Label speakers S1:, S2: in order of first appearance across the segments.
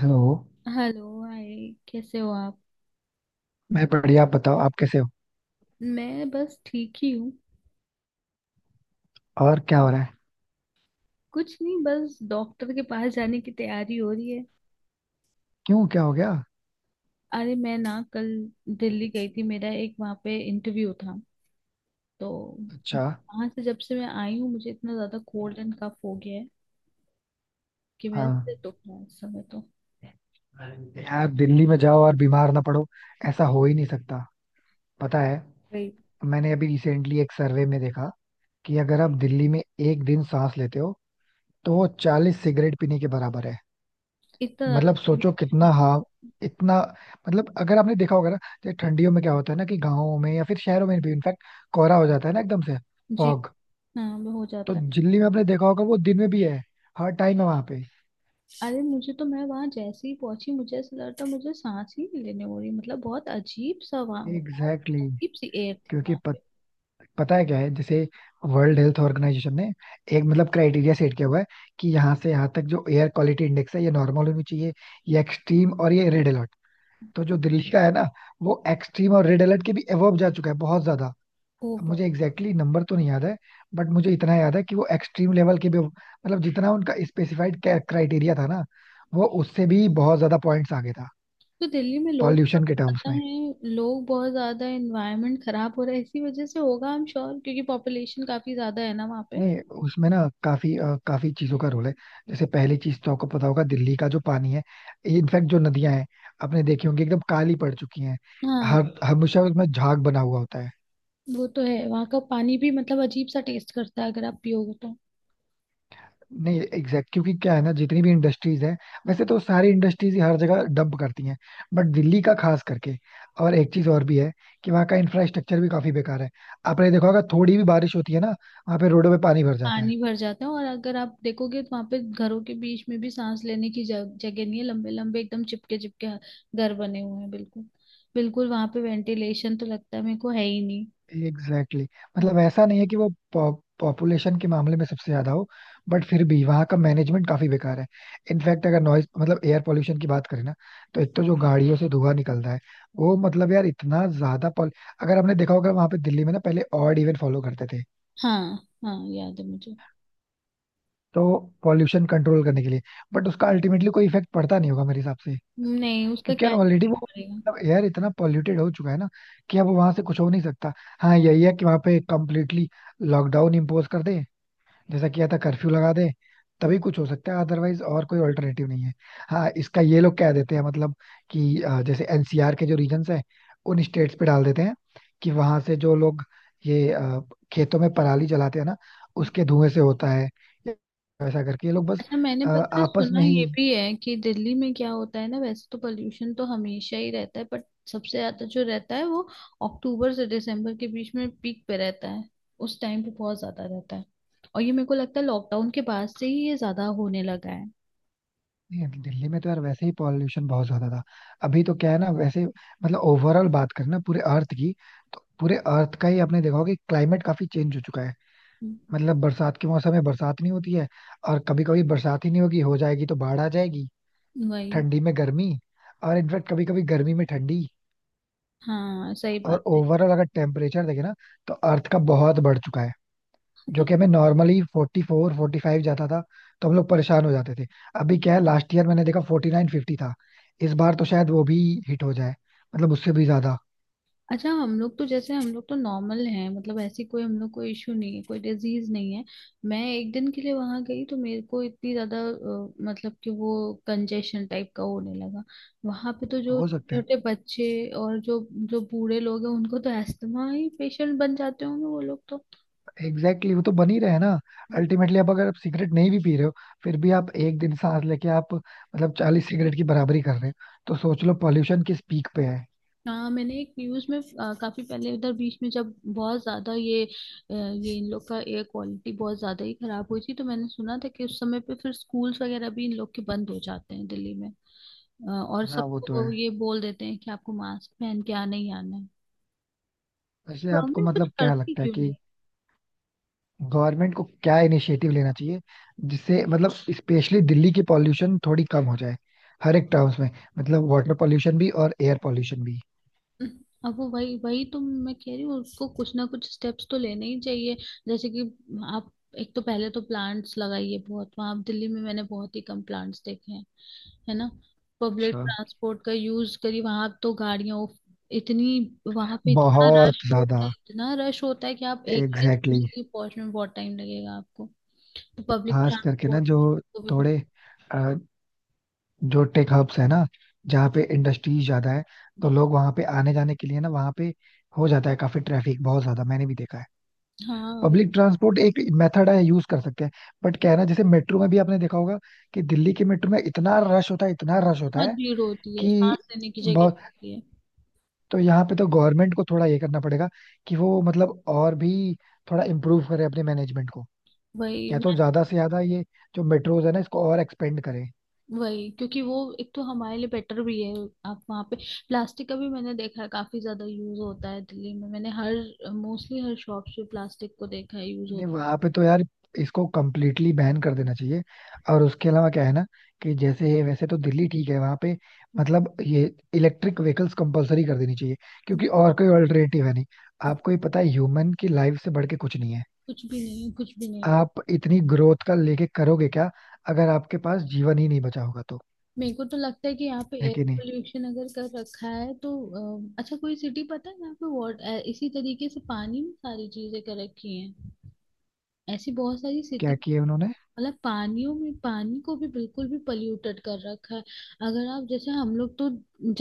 S1: Hello.
S2: Hello, hi. कैसे हो आप?
S1: मैं बढ़िया, आप बताओ, आप कैसे हो?
S2: मैं बस ठीक ही हूँ।
S1: और क्या हो रहा है?
S2: कुछ नहीं, बस डॉक्टर के पास जाने की तैयारी हो रही है।
S1: क्यों, क्या हो गया?
S2: अरे मैं ना कल दिल्ली गई थी, मेरा एक वहाँ पे इंटरव्यू था तो
S1: अच्छा।
S2: वहाँ से जब से मैं आई हूँ मुझे इतना ज्यादा कोल्ड एंड कफ हो गया है कि मेरा
S1: हाँ,
S2: सिर दुख रहा है इस समय तो।
S1: यार दिल्ली में जाओ और बीमार ना पड़ो, ऐसा हो ही नहीं सकता। पता है,
S2: वही,
S1: मैंने अभी रिसेंटली एक सर्वे में देखा कि अगर आप दिल्ली में एक दिन सांस लेते हो तो वो 40 सिगरेट पीने के बराबर है।
S2: इतना ज्यादा
S1: मतलब सोचो
S2: pollution
S1: कितना,
S2: है।
S1: हाँ, इतना। मतलब अगर आपने देखा होगा ना, जैसे ठंडियों में क्या होता है ना कि गाँवों में या फिर शहरों में भी इनफैक्ट कोहरा हो जाता है ना एकदम से,
S2: जी।
S1: फॉग।
S2: हाँ, वो हो
S1: तो
S2: जाता है।
S1: दिल्ली में आपने देखा होगा वो दिन में भी है, हर टाइम है वहां पे।
S2: अरे मुझे तो, मैं वहां जैसे ही पहुंची मुझे ऐसा लग रहा था मुझे सांस ही नहीं लेने हो रही, मतलब बहुत अजीब सा वहां, बहुत
S1: एग्जैक्टली exactly.
S2: अजीब सी एयर थी
S1: क्योंकि
S2: वहां पे।
S1: पता है क्या है, जैसे वर्ल्ड हेल्थ ऑर्गेनाइजेशन ने एक मतलब क्राइटेरिया सेट किया हुआ है कि यहाँ से यहाँ तक जो एयर क्वालिटी इंडेक्स है ये नॉर्मल होनी चाहिए, ये एक्सट्रीम और ये रेड अलर्ट। तो जो दिल्ली का है ना, वो एक्सट्रीम और रेड अलर्ट के भी अबव जा चुका है, बहुत ज्यादा। अब
S2: ओवर।
S1: मुझे एग्जैक्टली exactly नंबर तो नहीं याद है, बट मुझे इतना याद है कि वो एक्सट्रीम लेवल के भी, मतलब जितना उनका स्पेसिफाइड क्राइटेरिया था ना, वो उससे भी बहुत ज्यादा पॉइंट्स आगे था,
S2: तो दिल्ली में लोग बहुत
S1: पॉल्यूशन के टर्म्स
S2: ज्यादा
S1: में।
S2: हैं, लोग बहुत ज्यादा, एनवायरनमेंट खराब हो रहा है इसी वजह से होगा, आई एम श्योर, क्योंकि पॉपुलेशन काफी ज्यादा है ना वहाँ पे।
S1: नहीं, उसमें ना काफी चीजों का रोल है। जैसे पहली चीज तो आपको पता होगा दिल्ली का जो पानी है, इनफैक्ट जो नदियां हैं आपने देखी होंगी एकदम काली पड़ चुकी हैं,
S2: हाँ,
S1: हर हमेशा उसमें झाग बना हुआ होता है।
S2: वो तो है। वहाँ का पानी भी मतलब अजीब सा टेस्ट करता है अगर आप पियोगे तो।
S1: नहीं, एग्जैक्ट क्योंकि क्या है ना जितनी भी इंडस्ट्रीज हैं, वैसे तो सारी इंडस्ट्रीज ही हर जगह डंप करती हैं, बट दिल्ली का खास करके। और एक चीज और भी है कि वहाँ का इंफ्रास्ट्रक्चर भी काफी बेकार है, आपने देखा होगा थोड़ी भी बारिश होती है ना, वहाँ पे रोडों पे पानी भर जाता है।
S2: पानी भर जाता है, और अगर आप देखोगे तो वहां पे घरों के बीच में भी सांस लेने की जगह नहीं है। लंबे लंबे एकदम चिपके चिपके घर बने हुए हैं, बिल्कुल बिल्कुल वहां पे वेंटिलेशन तो लगता है मेरे को है ही नहीं।
S1: Exactly exactly.
S2: हाँ।
S1: मतलब ऐसा नहीं है कि वो पॉपुलेशन के मामले में सबसे ज्यादा हो, बट फिर भी वहाँ का मैनेजमेंट काफी बेकार है। इनफैक्ट अगर नॉइज मतलब एयर पोल्यूशन की बात करें ना, तो एक तो जो गाड़ियों से धुआं निकलता है वो मतलब यार इतना ज्यादा पॉल। अगर आपने देखा होगा वहाँ पे दिल्ली में ना पहले ऑड इवन फॉलो करते थे,
S2: हाँ। हाँ, याद है मुझे।
S1: तो पॉल्यूशन कंट्रोल करने के लिए, बट उसका अल्टीमेटली कोई इफेक्ट पड़ता नहीं होगा मेरे हिसाब से।
S2: नहीं, उसका
S1: क्योंकि यार
S2: क्या
S1: ऑलरेडी वो
S2: पड़ेगा।
S1: मतलब एयर इतना पॉल्यूटेड हो चुका है ना कि अब वहां से कुछ हो नहीं सकता। हाँ यही है कि वहां पे कम्प्लीटली लॉकडाउन इम्पोज कर दे, जैसा किया था, कर्फ्यू लगा दे,
S2: हम्म,
S1: तभी कुछ हो सकता है, अदरवाइज और कोई ऑल्टरनेटिव नहीं है। हाँ, इसका ये लोग कह देते हैं मतलब कि जैसे एनसीआर के जो रीजन्स हैं उन स्टेट्स पे डाल देते हैं कि वहां से जो लोग ये अ, खेतों में पराली जलाते हैं ना,
S2: हम्म।
S1: उसके धुएं से होता है। ऐसा करके ये लोग बस
S2: अच्छा, मैंने पता है,
S1: आपस
S2: सुना
S1: में ही।
S2: ये भी है कि दिल्ली में क्या होता है ना, वैसे तो पोल्यूशन तो हमेशा ही रहता है बट सबसे ज्यादा जो रहता है वो अक्टूबर से दिसंबर के बीच में पीक पे रहता है। उस टाइम पे बहुत ज्यादा रहता है, और ये मेरे को लगता है लॉकडाउन के बाद से ही ये ज्यादा होने लगा है।
S1: नहीं, दिल्ली में तो यार वैसे ही पॉल्यूशन बहुत ज्यादा था। अभी तो क्या है ना, वैसे मतलब ओवरऑल बात करें ना, पूरे अर्थ की, तो पूरे अर्थ का ही आपने देखा होगा कि क्लाइमेट काफी चेंज हो चुका है।
S2: हम्म,
S1: मतलब बरसात के मौसम में बरसात नहीं होती है, और कभी कभी बरसात ही नहीं होगी, हो जाएगी तो बाढ़ आ जाएगी।
S2: वही।
S1: ठंडी में गर्मी, और इनफैक्ट कभी कभी गर्मी में ठंडी।
S2: हाँ, सही बात
S1: और
S2: है।
S1: ओवरऑल अगर टेम्परेचर देखे ना, तो अर्थ का बहुत बढ़ चुका है,
S2: हाँ,
S1: जो
S2: तो
S1: कि हमें नॉर्मली 44-45 जाता था तो हम लोग परेशान हो जाते थे। अभी क्या है, लास्ट ईयर मैंने देखा 49-50 था, इस बार तो शायद वो भी हिट हो जाए, मतलब उससे भी ज्यादा।
S2: अच्छा, हम लोग तो, नॉर्मल हैं, मतलब ऐसी कोई हम लोग को इशू नहीं है, कोई डिजीज नहीं है। मैं एक दिन के लिए वहां गई तो मेरे को इतनी ज्यादा मतलब कि वो कंजेशन टाइप का होने लगा। वहां पे तो जो
S1: हो सकता है।
S2: छोटे बच्चे और जो जो बूढ़े लोग हैं उनको तो अस्थमा ही, पेशेंट बन जाते होंगे वो लोग तो।
S1: एग्जैक्टली exactly, वो तो बन ही रहे हैं ना। अल्टीमेटली अब अगर आप सिगरेट नहीं भी पी रहे हो, फिर भी आप एक दिन सांस लेके आप मतलब 40 सिगरेट की बराबरी कर रहे हो, तो सोच लो पॉल्यूशन किस पीक पे है।
S2: हाँ, मैंने एक न्यूज में काफी पहले, उधर बीच में जब बहुत ज्यादा ये ये इन लोग का एयर क्वालिटी बहुत ज्यादा ही खराब हुई थी, तो मैंने सुना था कि उस समय पे फिर स्कूल्स वगैरह भी इन लोग के बंद हो जाते हैं दिल्ली में। और
S1: हाँ, वो तो
S2: सबको
S1: है।
S2: वो ये बोल देते हैं कि आपको मास्क पहन के आना ही आना है।
S1: वैसे आपको
S2: गवर्नमेंट कुछ
S1: मतलब क्या
S2: करती
S1: लगता है
S2: क्यों नहीं?
S1: कि गवर्नमेंट को क्या इनिशिएटिव लेना चाहिए जिससे मतलब स्पेशली दिल्ली की पॉल्यूशन थोड़ी कम हो जाए, हर एक टर्म्स में। मतलब वाटर पॉल्यूशन भी और एयर पॉल्यूशन भी।
S2: अब वो वही वही तो मैं कह रही हूँ, उसको कुछ ना कुछ स्टेप्स तो लेने ही चाहिए। जैसे कि आप, एक तो पहले तो प्लांट्स लगाइए, बहुत वहां दिल्ली में मैंने बहुत ही कम प्लांट्स देखे हैं, है ना। पब्लिक
S1: अच्छा।
S2: ट्रांसपोर्ट का यूज करिए, वहां तो गाड़ियां इतनी, वहां पे इतना
S1: बहुत
S2: रश होता
S1: ज्यादा,
S2: है, इतना रश होता है कि आप एक जगह से
S1: एग्जैक्टली exactly.
S2: दूसरी जगह पहुंचने में बहुत टाइम लगेगा आपको। तो पब्लिक
S1: खास करके ना
S2: ट्रांसपोर्ट
S1: जो
S2: को भी
S1: थोड़े, जो टेक हब्स है ना जहाँ पे इंडस्ट्रीज ज्यादा है, तो लोग वहां पे आने जाने के लिए ना, वहां पे हो जाता है काफी ट्रैफिक, बहुत ज्यादा मैंने भी देखा है।
S2: हाँ,
S1: पब्लिक ट्रांसपोर्ट एक मेथड है, यूज कर सकते हैं, बट क्या है ना जैसे मेट्रो में भी आपने देखा होगा कि दिल्ली के मेट्रो में इतना रश होता है, इतना रश होता
S2: बहुत
S1: है
S2: भीड़ होती है,
S1: कि
S2: सांस लेने की जगह नहीं
S1: बहुत।
S2: होती है।
S1: तो यहाँ पे तो गवर्नमेंट को थोड़ा ये करना पड़ेगा कि वो मतलब और भी थोड़ा इम्प्रूव करे अपने मैनेजमेंट को,
S2: वही
S1: या तो
S2: मैं-
S1: ज्यादा से ज्यादा ये जो मेट्रोज है ना इसको और एक्सपेंड करे।
S2: वही, क्योंकि वो एक तो हमारे लिए बेटर भी है। आप वहाँ पे, प्लास्टिक का भी मैंने देखा है काफी ज्यादा यूज होता है दिल्ली में। मैंने हर मोस्टली हर शॉप पे प्लास्टिक को देखा है यूज
S1: नहीं,
S2: होता।
S1: वहां पे तो यार इसको कम्प्लीटली बैन कर देना चाहिए। और उसके अलावा क्या है ना कि जैसे वैसे तो दिल्ली ठीक है वहां पे, मतलब ये इलेक्ट्रिक व्हीकल्स कंपलसरी कर देनी चाहिए, क्योंकि और कोई अल्टरनेटिव है नहीं। आपको ही पता है, ह्यूमन की लाइफ से बढ़ के कुछ नहीं है।
S2: कुछ भी नहीं, कुछ भी नहीं।
S1: आप इतनी ग्रोथ का लेके करोगे क्या अगर आपके पास जीवन ही नहीं बचा होगा तो?
S2: मेरे को तो लगता है कि यहाँ पे
S1: है
S2: एयर
S1: कि नहीं?
S2: पोल्यूशन अगर कर रखा है तो, अच्छा कोई सिटी पता है यहाँ पे वाटर इसी तरीके से, पानी में सारी चीजें कर रखी हैं? ऐसी बहुत सारी सिटी,
S1: क्या किया उन्होंने?
S2: मतलब पानियों में, पानी को भी बिल्कुल भी पल्यूटेड कर रखा है। अगर आप, जैसे हम लोग तो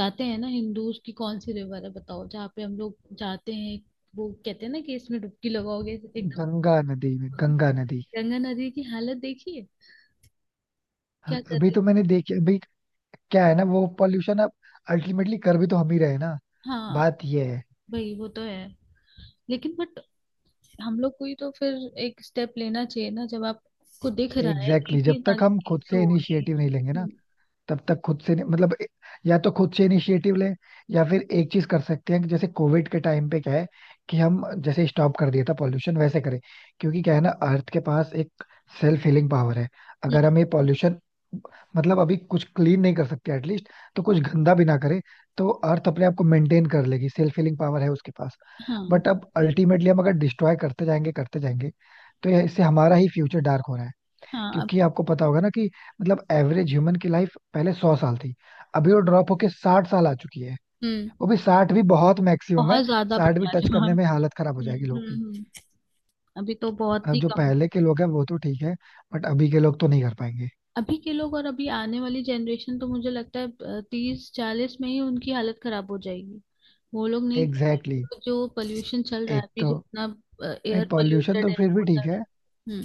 S2: जाते हैं ना, हिंदूज की कौन सी रिवर है बताओ जहाँ पे हम लोग जाते हैं? वो कहते हैं ना कि इसमें डुबकी लगाओगे एकदम।
S1: गंगा नदी में, गंगा नदी।
S2: गंगा नदी की हालत देखिए,
S1: हाँ,
S2: क्या कर
S1: अभी
S2: रही।
S1: तो मैंने देखी अभी। क्या है ना वो पॉल्यूशन अब अल्टीमेटली कर भी तो हम ही रहे हैं ना,
S2: हाँ
S1: बात ये है।
S2: भाई, वो तो है, लेकिन बट हम लोग को ही तो फिर एक स्टेप लेना चाहिए ना, जब आपको दिख रहा है कि
S1: एग्जैक्टली exactly. जब
S2: इतनी
S1: तक
S2: सारी
S1: हम खुद
S2: चीजें
S1: से
S2: हो रही हैं।
S1: इनिशिएटिव नहीं लेंगे ना,
S2: हम्म
S1: तब तक खुद से नहीं- मतलब या तो खुद से इनिशिएटिव लें, या फिर एक चीज कर सकते हैं कि जैसे कोविड के टाइम पे क्या है कि हम जैसे स्टॉप कर दिया था पॉल्यूशन, वैसे करें। क्योंकि क्या है ना, अर्थ के पास एक सेल्फ हीलिंग पावर है। अगर
S2: हम्म
S1: हम ये पॉल्यूशन मतलब अभी कुछ क्लीन नहीं कर सकते एटलीस्ट, तो कुछ गंदा भी ना करे, तो अर्थ अपने आप को मेंटेन कर लेगी, सेल्फ हीलिंग पावर है उसके पास।
S2: हाँ।
S1: बट अब अल्टीमेटली हम अगर डिस्ट्रॉय करते जाएंगे करते जाएंगे, तो इससे हमारा ही फ्यूचर डार्क हो रहा है।
S2: हाँ, अब।
S1: क्योंकि आपको पता होगा ना कि मतलब एवरेज ह्यूमन की लाइफ पहले 100 साल थी, अभी वो ड्रॉप होके 60 साल आ चुकी है।
S2: हम्म।
S1: वो भी 60 भी बहुत मैक्सिमम है,
S2: बहुत ज्यादा
S1: 60 भी
S2: बता रहे
S1: टच
S2: हो हम।
S1: करने में हालत खराब हो
S2: हम्म
S1: जाएगी लोग
S2: हम्म,
S1: की।
S2: हम्म। अभी तो बहुत
S1: अब
S2: ही
S1: जो
S2: कम है।
S1: पहले के लोग हैं वो तो ठीक है, बट अभी के लोग तो नहीं कर पाएंगे।
S2: अभी के लोग और अभी आने वाली जनरेशन तो मुझे लगता है 30 40 में ही उनकी हालत खराब हो जाएगी। वो लोग नहीं कर
S1: एग्जैक्टली
S2: पाएंगे,
S1: exactly.
S2: तो जो पोल्यूशन चल रहा है
S1: एक
S2: अभी
S1: तो
S2: जितना,
S1: नहीं,
S2: एयर
S1: पॉल्यूशन
S2: पोल्यूटेड
S1: तो
S2: है,
S1: फिर भी ठीक
S2: वाटर है।
S1: है,
S2: हम्म।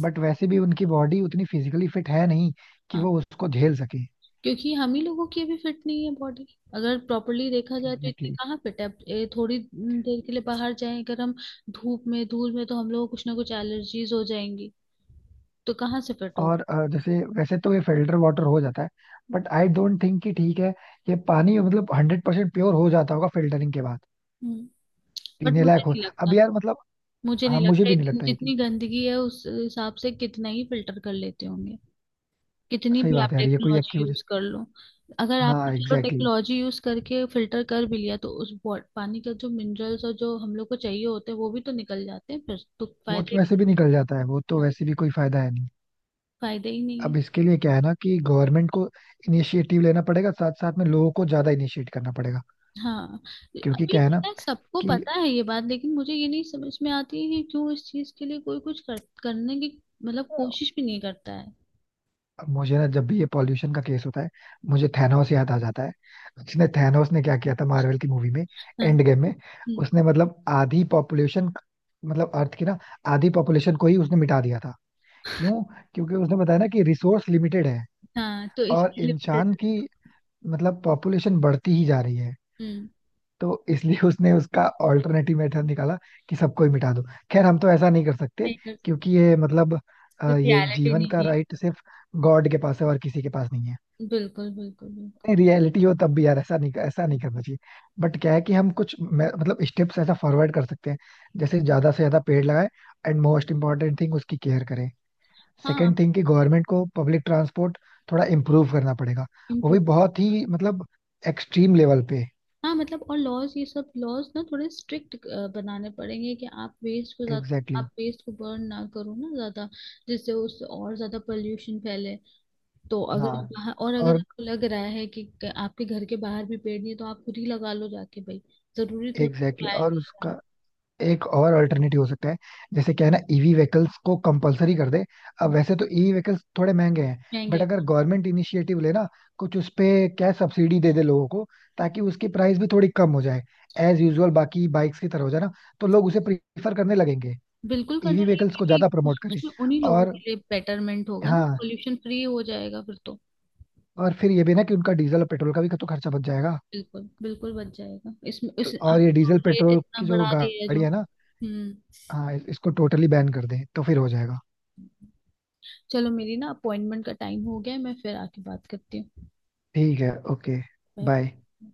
S1: बट वैसे भी उनकी बॉडी उतनी फिजिकली फिट है नहीं कि वो उसको झेल सके।
S2: क्योंकि हम ही लोगों की अभी फिट नहीं है बॉडी, अगर प्रॉपरली देखा जाए तो इतनी
S1: एग्जैक्टली।
S2: कहाँ फिट है अब। थोड़ी देर के लिए बाहर जाएं अगर हम, धूप में धूल में, तो हम लोग को कुछ ना कुछ एलर्जीज हो जाएंगी। तो कहाँ से फिट हो।
S1: और जैसे वैसे तो ये फिल्टर वाटर हो जाता है, बट आई डोंट थिंक कि ठीक है ये पानी, मतलब 100% प्योर हो जाता होगा फिल्टरिंग के बाद,
S2: हम्म बट
S1: पीने
S2: मुझे
S1: लायक हो।
S2: नहीं
S1: अब
S2: लगता,
S1: यार मतलब,
S2: मुझे नहीं
S1: हाँ मुझे
S2: लगता
S1: भी नहीं
S2: इतनी,
S1: लगता ये चीज।
S2: जितनी गंदगी है उस हिसाब से कितना ही फिल्टर कर लेते होंगे। कितनी
S1: सही
S2: भी
S1: बात
S2: आप
S1: है यार, ये कोई
S2: टेक्नोलॉजी यूज
S1: एक्यूरेसी।
S2: कर लो, अगर
S1: हाँ
S2: आपने, चलो,
S1: एग्जैक्टली exactly.
S2: टेक्नोलॉजी यूज करके फिल्टर कर भी लिया तो उस पानी का जो मिनरल्स और जो हम लोग को चाहिए होते हैं वो भी तो निकल जाते हैं, फिर तो
S1: वो तो वैसे भी निकल जाता है, वो तो वैसे भी कोई फायदा है नहीं।
S2: फायदा ही नहीं है।
S1: अब इसके लिए क्या है ना कि गवर्नमेंट को इनिशिएटिव लेना पड़ेगा, साथ साथ में लोगों को ज्यादा इनिशिएट करना पड़ेगा।
S2: हाँ।
S1: क्योंकि
S2: अभी
S1: क्या है ना
S2: पता है, सबको
S1: कि
S2: पता है ये बात, लेकिन मुझे ये नहीं समझ में आती है कि क्यों इस चीज के लिए कोई कुछ करने की मतलब कोशिश भी नहीं करता है।
S1: मुझे ना जब भी ये पॉल्यूशन का केस होता है, मुझे थैनोस याद आ जाता है। उसने थैनोस ने क्या किया था मार्वल की मूवी में,
S2: हाँ।
S1: एंड गेम में,
S2: हम्म।
S1: उसने मतलब आधी पॉपुलेशन, मतलब अर्थ की ना, आधी पॉपुलेशन को ही उसने मिटा दिया था। क्यों? क्योंकि उसने बताया ना कि रिसोर्स लिमिटेड है,
S2: हाँ, तो
S1: और
S2: इसके लिमिटेड।
S1: इंसान की मतलब पॉपुलेशन बढ़ती ही जा रही है।
S2: हम्म।
S1: तो इसलिए उसने उसका ऑल्टरनेटिव मेथड निकाला कि सबको ही मिटा दो। खैर हम तो ऐसा नहीं कर सकते,
S2: नहीं कर सकते।
S1: क्योंकि ये मतलब ये
S2: रियलिटी
S1: जीवन का
S2: नहीं
S1: राइट सिर्फ
S2: है।
S1: गॉड के पास है, और किसी के पास नहीं है।
S2: बिल्कुल बिल्कुल बिल्कुल।
S1: नहीं रियलिटी हो तब भी यार ऐसा नहीं, ऐसा नहीं करना चाहिए। बट क्या है कि हम कुछ मतलब स्टेप्स ऐसा फॉरवर्ड कर सकते हैं, जैसे ज्यादा से ज्यादा पेड़ लगाएं, एंड मोस्ट इम्पोर्टेंट थिंग उसकी केयर करें।
S2: हाँ,
S1: सेकंड थिंग कि गवर्नमेंट को पब्लिक ट्रांसपोर्ट थोड़ा इम्प्रूव करना पड़ेगा, वो
S2: इम्प्रूव।
S1: भी बहुत ही मतलब एक्सट्रीम लेवल पे।
S2: हाँ, मतलब और लॉज, ये सब लॉज ना थोड़े स्ट्रिक्ट बनाने पड़ेंगे, कि आप वेस्ट को
S1: एग्जैक्टली
S2: ज्यादा,
S1: exactly.
S2: आप वेस्ट को बर्न ना करो ना ज्यादा, जिससे उससे और ज्यादा पोल्यूशन फैले। तो अगर
S1: हाँ।
S2: आप बाहर, और अगर
S1: और
S2: आपको लग रहा है कि आपके घर के बाहर भी पेड़ नहीं है तो आप खुद ही लगा लो जाके भाई। जरूरी थोड़ी
S1: एग्जैक्टली exactly. और
S2: लगाना।
S1: उसका एक और अल्टरनेटिव हो सकता है, जैसे क्या है ना ईवी व्हीकल्स को कंपलसरी कर दे। अब
S2: हम्म,
S1: वैसे तो ईवी व्हीकल्स थोड़े महंगे हैं, बट
S2: जाएंगे।
S1: अगर गवर्नमेंट इनिशिएटिव ले ना, कुछ उस पे क्या सब्सिडी दे दे लोगों को, ताकि उसकी प्राइस भी थोड़ी कम हो जाए, एज यूजुअल बाकी बाइक्स की तरह हो जाए ना, तो लोग उसे प्रीफर करने लगेंगे।
S2: बिल्कुल करना
S1: ईवी
S2: चाहिए,
S1: व्हीकल्स को ज्यादा
S2: क्योंकि
S1: प्रमोट करें,
S2: उसमें उन्हीं लोगों
S1: और
S2: के लिए बेटरमेंट होगा ना,
S1: हाँ,
S2: पोल्यूशन फ्री हो जाएगा फिर तो।
S1: और फिर ये भी ना कि उनका डीजल और पेट्रोल का भी तो खर्चा बच जाएगा।
S2: बिल्कुल बिल्कुल बच जाएगा इसमें,
S1: तो
S2: इस अब
S1: और ये
S2: तो
S1: डीजल
S2: रेट
S1: पेट्रोल
S2: इतना
S1: की जो
S2: बढ़ा दिया है जो।
S1: गाड़ी है ना,
S2: हम्म।
S1: हाँ इसको टोटली बैन कर दें तो फिर हो जाएगा।
S2: चलो, मेरी ना अपॉइंटमेंट का टाइम हो गया है, मैं फिर आके बात करती हूँ।
S1: ठीक है, ओके, बाय।
S2: बाय।